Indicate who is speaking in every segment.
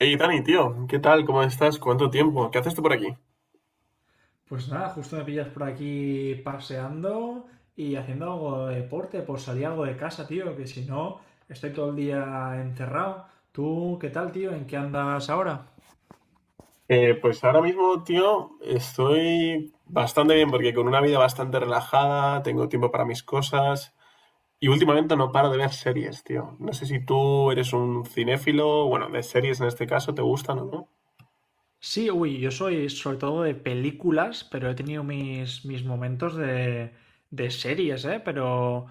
Speaker 1: Hey Dani, tío, ¿qué tal? ¿Cómo estás? ¿Cuánto tiempo? ¿Qué haces tú por aquí?
Speaker 2: Pues nada, justo me pillas por aquí paseando y haciendo algo de deporte, por salir algo de casa, tío, que si no estoy todo el día encerrado. ¿Tú qué tal, tío? ¿En qué andas ahora?
Speaker 1: Pues ahora mismo, tío, estoy bastante bien porque con una vida bastante relajada, tengo tiempo para mis cosas y últimamente no paro de ver series, tío. No sé si tú eres un cinéfilo, bueno, de series en este caso, ¿te gustan o no?
Speaker 2: Sí, uy, yo soy sobre todo de películas, pero he tenido mis momentos de series, ¿eh? Pero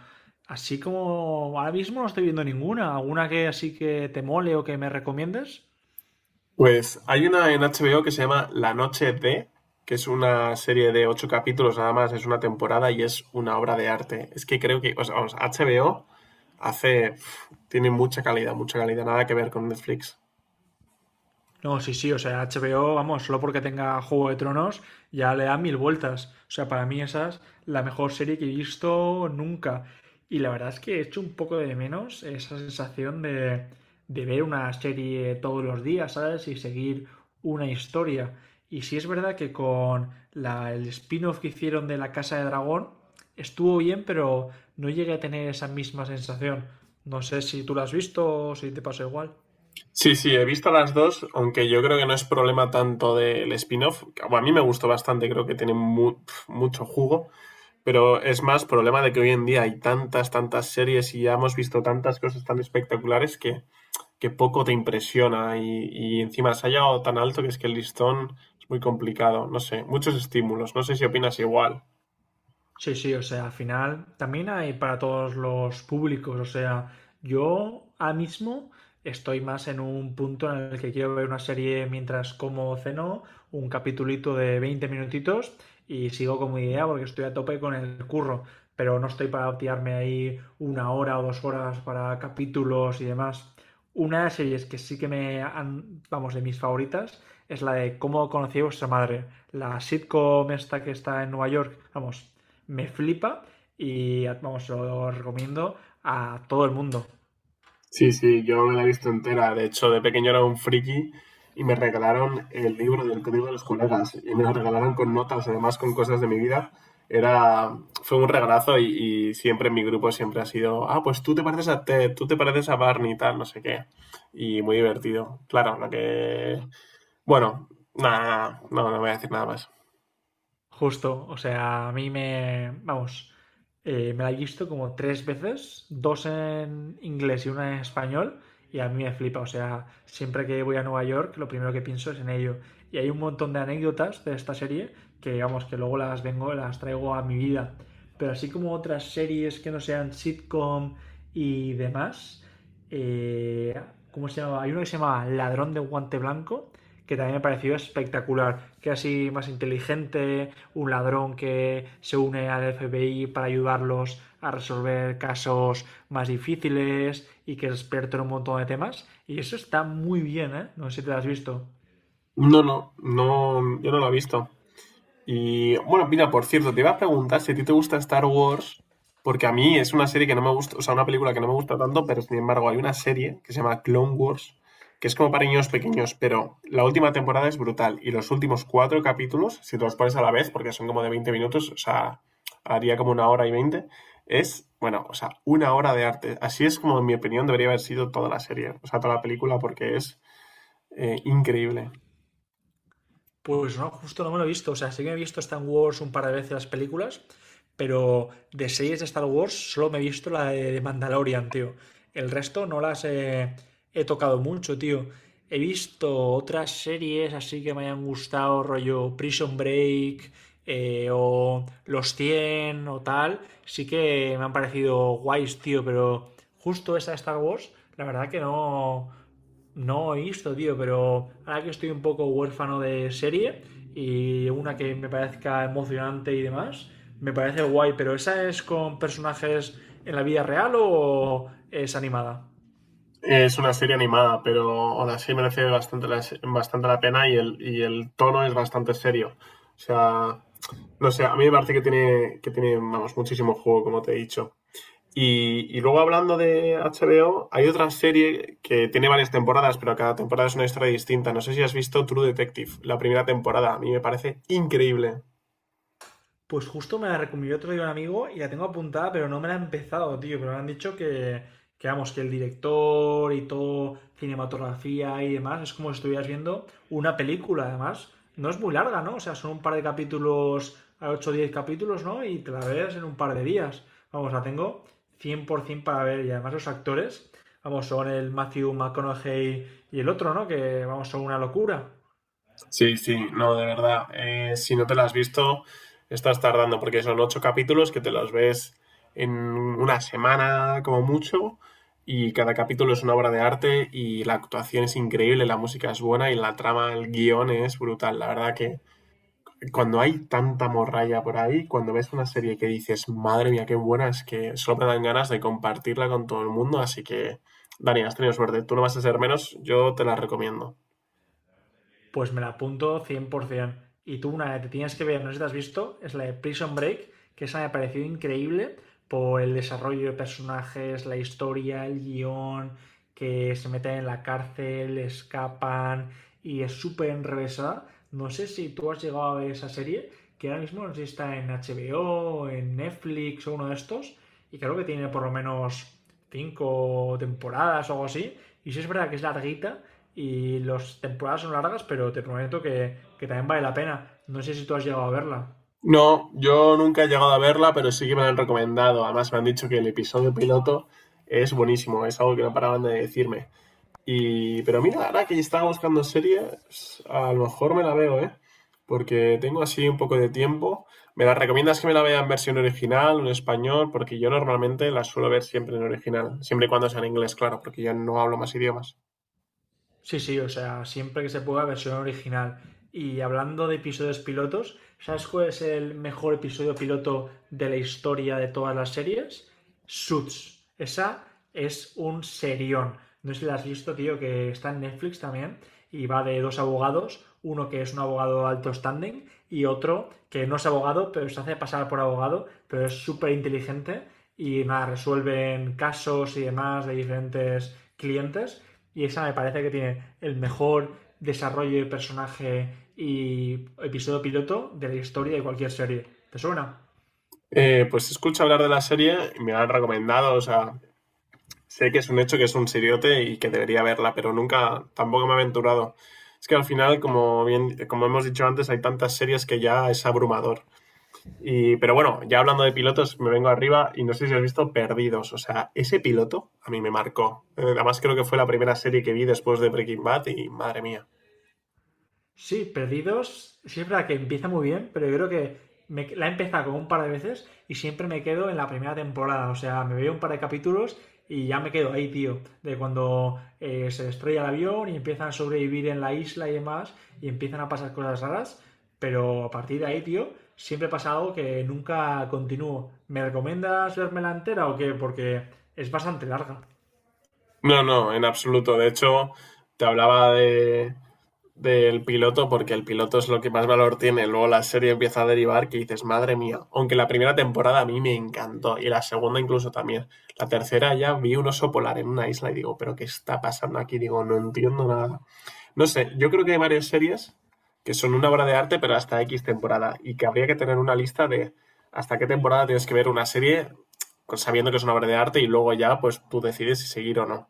Speaker 2: así como ahora mismo no estoy viendo ninguna. ¿Alguna que así que te mole o que me recomiendes?
Speaker 1: Pues hay una en HBO que se llama La Noche de, que es una serie de ocho capítulos nada más, es una temporada y es una obra de arte. Es que creo que, o sea, vamos, HBO tiene mucha calidad, nada que ver con Netflix.
Speaker 2: No, sí, sí, o sea, HBO, vamos, solo porque tenga Juego de Tronos, ya le da mil vueltas. O sea, para mí esa es la mejor serie que he visto nunca. Y la verdad es que he hecho un poco de menos esa sensación de ver una serie todos los días, ¿sabes? Y seguir una historia. Y sí es verdad que con el spin-off que hicieron de La Casa de Dragón estuvo bien, pero no llegué a tener esa misma sensación. No sé si tú la has visto o si te pasó igual.
Speaker 1: Sí, sí, he visto las dos, aunque yo creo que no es problema tanto del spin-off, bueno, a mí me gustó bastante, creo que tiene mucho jugo, pero es más problema de que hoy en día hay tantas, tantas series y ya hemos visto tantas cosas tan espectaculares que poco te impresiona y encima se ha llegado tan alto que es que el listón es muy complicado, no sé, muchos estímulos, no sé si opinas igual.
Speaker 2: Sí, sí, o sea, al final también hay para todos los públicos, o sea, yo ahora mismo estoy más en un punto en el que quiero ver una serie mientras como o ceno, un capitulito de 20 minutitos y sigo con mi idea porque estoy a tope con el curro, pero no estoy para tirarme ahí 1 hora o 2 horas para capítulos y demás. Una de las series que sí que me han, vamos, de mis favoritas es la de Cómo conocí a vuestra madre, la sitcom esta que está en Nueva York, vamos, me flipa y vamos, lo recomiendo a todo el mundo.
Speaker 1: Sí, sí, yo me la he visto entera. De hecho, de pequeño era un friki y me regalaron el libro del Código de los Colegas. Y me lo regalaron con notas, además con cosas de mi vida. Fue un regalazo y siempre en mi grupo siempre ha sido, ah, pues tú te pareces a Ted, tú te pareces a Barney y tal, no sé qué. Y muy divertido. Claro. Bueno, nada, nada, no, no voy a decir nada más.
Speaker 2: Justo, o sea, a mí me, vamos, me la he visto como tres veces, dos en inglés y una en español, y a mí me flipa, o sea, siempre que voy a Nueva York, lo primero que pienso es en ello. Y hay un montón de anécdotas de esta serie que, vamos, que luego las vengo, las traigo a mi vida. Pero así como otras series que no sean sitcom y demás, eh, ¿cómo se llama? Hay uno que se llama Ladrón de Guante Blanco, que también me pareció espectacular, que así más inteligente, un ladrón que se une al FBI para ayudarlos a resolver casos más difíciles y que es experto en un montón de temas. Y eso está muy bien, ¿eh? No sé si te lo has visto.
Speaker 1: No, no, no, yo no lo he visto. Y bueno, mira, por cierto, te iba a preguntar si a ti te gusta Star Wars, porque a mí es una serie que no me gusta, o sea, una película que no me gusta tanto, pero sin embargo hay una serie que se llama Clone Wars, que es como para niños pequeños, pero la última temporada es brutal y los últimos cuatro capítulos, si te los pones a la vez, porque son como de 20 minutos, o sea, haría como una hora y 20 es, bueno, o sea, una hora de arte. Así es como, en mi opinión, debería haber sido toda la serie, o sea, toda la película, porque es increíble.
Speaker 2: Pues no, justo no me lo he visto. O sea, sí que me he visto Star Wars un par de veces las películas, pero de series de Star Wars solo me he visto la de Mandalorian, tío. El resto no las he tocado mucho, tío. He visto otras series así que me hayan gustado, rollo Prison Break, o Los cien o tal. Sí que me han parecido guays, tío, pero justo esa de Star Wars, la verdad que no, no he visto, tío, pero ahora que estoy un poco huérfano de serie y una que me parezca emocionante y demás, me parece guay, pero ¿esa es con personajes en la vida real o es animada?
Speaker 1: Es una serie animada, pero aún así merece bastante la pena y el tono es bastante serio. O sea, no sé, a mí me parece que tiene vamos, muchísimo juego, como te he dicho. Y luego hablando de HBO, hay otra serie que tiene varias temporadas, pero cada temporada es una historia distinta. No sé si has visto True Detective, la primera temporada. A mí me parece increíble.
Speaker 2: Pues justo me la recomendó otro día un amigo y la tengo apuntada, pero no me la he empezado, tío. Pero me han dicho que, vamos, que el director y todo, cinematografía y demás, es como si estuvieras viendo una película, además. No es muy larga, ¿no? O sea, son un par de capítulos, 8 o 10 capítulos, ¿no? Y te la ves en un par de días. Vamos, la tengo 100% para ver. Y además los actores, vamos, son el Matthew McConaughey y el otro, ¿no? Que, vamos, son una locura.
Speaker 1: Sí, sí, no, de verdad. Si no te la has visto, estás tardando, porque son ocho capítulos que te los ves en una semana como mucho, y cada capítulo es una obra de arte, y la actuación es increíble, la música es buena, y la trama, el guión es brutal. La verdad que cuando hay tanta morralla por ahí, cuando ves una serie que dices, madre mía, qué buena, es que solo te dan ganas de compartirla con todo el mundo, así que, Dani, has tenido suerte. Tú no vas a ser menos, yo te la recomiendo.
Speaker 2: Pues me la apunto 100%. Y tú, una que te tienes que ver, no sé si te has visto, es la de Prison Break, que esa me pareció increíble por el desarrollo de personajes, la historia, el guión, que se meten en la cárcel, escapan y es súper enrevesada. No sé si tú has llegado a ver esa serie, que ahora mismo no sé si está en HBO, en Netflix o uno de estos, y creo que tiene por lo menos cinco temporadas o algo así. Y sí es verdad que es larguita y las temporadas son largas, pero te prometo que también vale la pena. No sé si tú has llegado a verla.
Speaker 1: No, yo nunca he llegado a verla, pero sí que me la han recomendado. Además, me han dicho que el episodio piloto es buenísimo, es algo que no paraban de decirme. Pero mira, ahora que estaba buscando series, a lo mejor me la veo, ¿eh? Porque tengo así un poco de tiempo. ¿Me la recomiendas que me la vea en versión original, en español? Porque yo normalmente la suelo ver siempre en original, siempre y cuando sea en inglés, claro, porque yo no hablo más idiomas.
Speaker 2: Sí, sí, o sea, siempre que se pueda, versión original. Y hablando de episodios pilotos, ¿sabes cuál es el mejor episodio piloto de la historia de todas las series? Suits. Esa es un serión. No sé si la has visto, tío, que está en Netflix también y va de dos abogados, uno que es un abogado alto standing y otro que no es abogado, pero se hace pasar por abogado, pero es súper inteligente y nada, resuelven casos y demás de diferentes clientes y esa me parece que tiene el mejor desarrollo de personaje y episodio piloto de la historia de cualquier serie. ¿Te suena?
Speaker 1: Pues escucho hablar de la serie y me la han recomendado, o sea, sé que es un hecho que es un siriote y que debería verla, pero nunca, tampoco me he aventurado. Es que al final, como bien, como hemos dicho antes, hay tantas series que ya es abrumador. Pero bueno, ya hablando de pilotos, me vengo arriba y no sé si has visto Perdidos. O sea, ese piloto a mí me marcó. Además, creo que fue la primera serie que vi después de Breaking Bad y madre mía.
Speaker 2: Sí, Perdidos, sí es verdad que empieza muy bien, pero yo creo que la he empezado como un par de veces y siempre me quedo en la primera temporada. O sea, me veo un par de capítulos y ya me quedo ahí, tío. De cuando se estrella el avión y empiezan a sobrevivir en la isla y demás y empiezan a pasar cosas raras. Pero a partir de ahí, tío, siempre pasa algo que nunca continúo. ¿Me recomiendas verme la entera o qué? Porque es bastante larga.
Speaker 1: No, no, en absoluto. De hecho, te hablaba de del piloto porque el piloto es lo que más valor tiene. Luego la serie empieza a derivar que dices, madre mía, aunque la primera temporada a mí me encantó y la segunda incluso también. La tercera ya vi un oso polar en una isla y digo, pero ¿qué está pasando aquí? Digo, no entiendo nada. No sé, yo creo que hay varias series que son una obra de arte pero hasta X temporada y que habría que tener una lista de hasta qué temporada tienes que ver una serie pues, sabiendo que es una obra de arte y luego ya pues tú decides si seguir o no.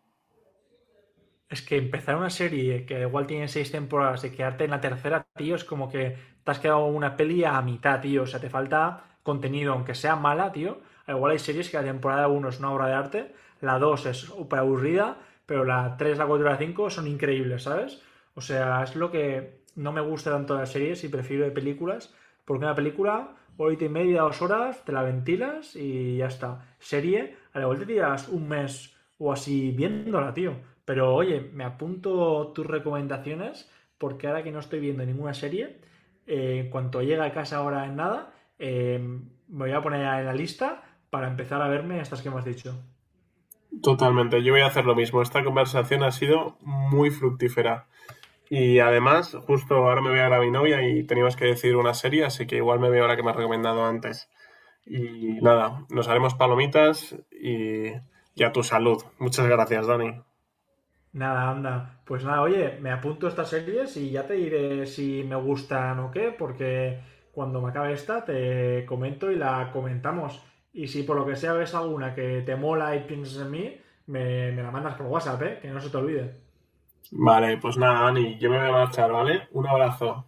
Speaker 2: Es que empezar una serie que igual tiene seis temporadas y quedarte en la tercera, tío, es como que te has quedado una peli a mitad, tío. O sea, te falta contenido, aunque sea mala, tío. Igual hay series que la temporada uno es una obra de arte, la 2 es súper aburrida, pero la tres, la 4 y la 5 son increíbles, ¿sabes? O sea, es lo que no me gusta tanto de las series y prefiero de películas, porque una película, horita y media, 2 horas, te la ventilas y ya está. Serie, a la vuelta te tiras un mes o así viéndola, tío. Pero oye, me apunto tus recomendaciones porque ahora que no estoy viendo ninguna serie, en cuanto llegue a casa ahora en nada, me voy a poner en la lista para empezar a verme estas que me has dicho.
Speaker 1: Totalmente, yo voy a hacer lo mismo. Esta conversación ha sido muy fructífera. Y además, justo ahora me voy a ver a mi novia y teníamos que decidir una serie, así que igual me veo la que me has recomendado antes. Y nada, nos haremos palomitas y a tu salud. Muchas gracias, Dani.
Speaker 2: Nada, anda. Pues nada, oye, me apunto estas series y ya te diré si me gustan o qué, porque cuando me acabe esta te comento y la comentamos. Y si por lo que sea ves alguna que te mola y piensas en mí, me la mandas por WhatsApp, ¿eh? Que no se te olvide.
Speaker 1: Vale, pues nada, Dani, yo me voy a marchar, ¿vale? Un abrazo.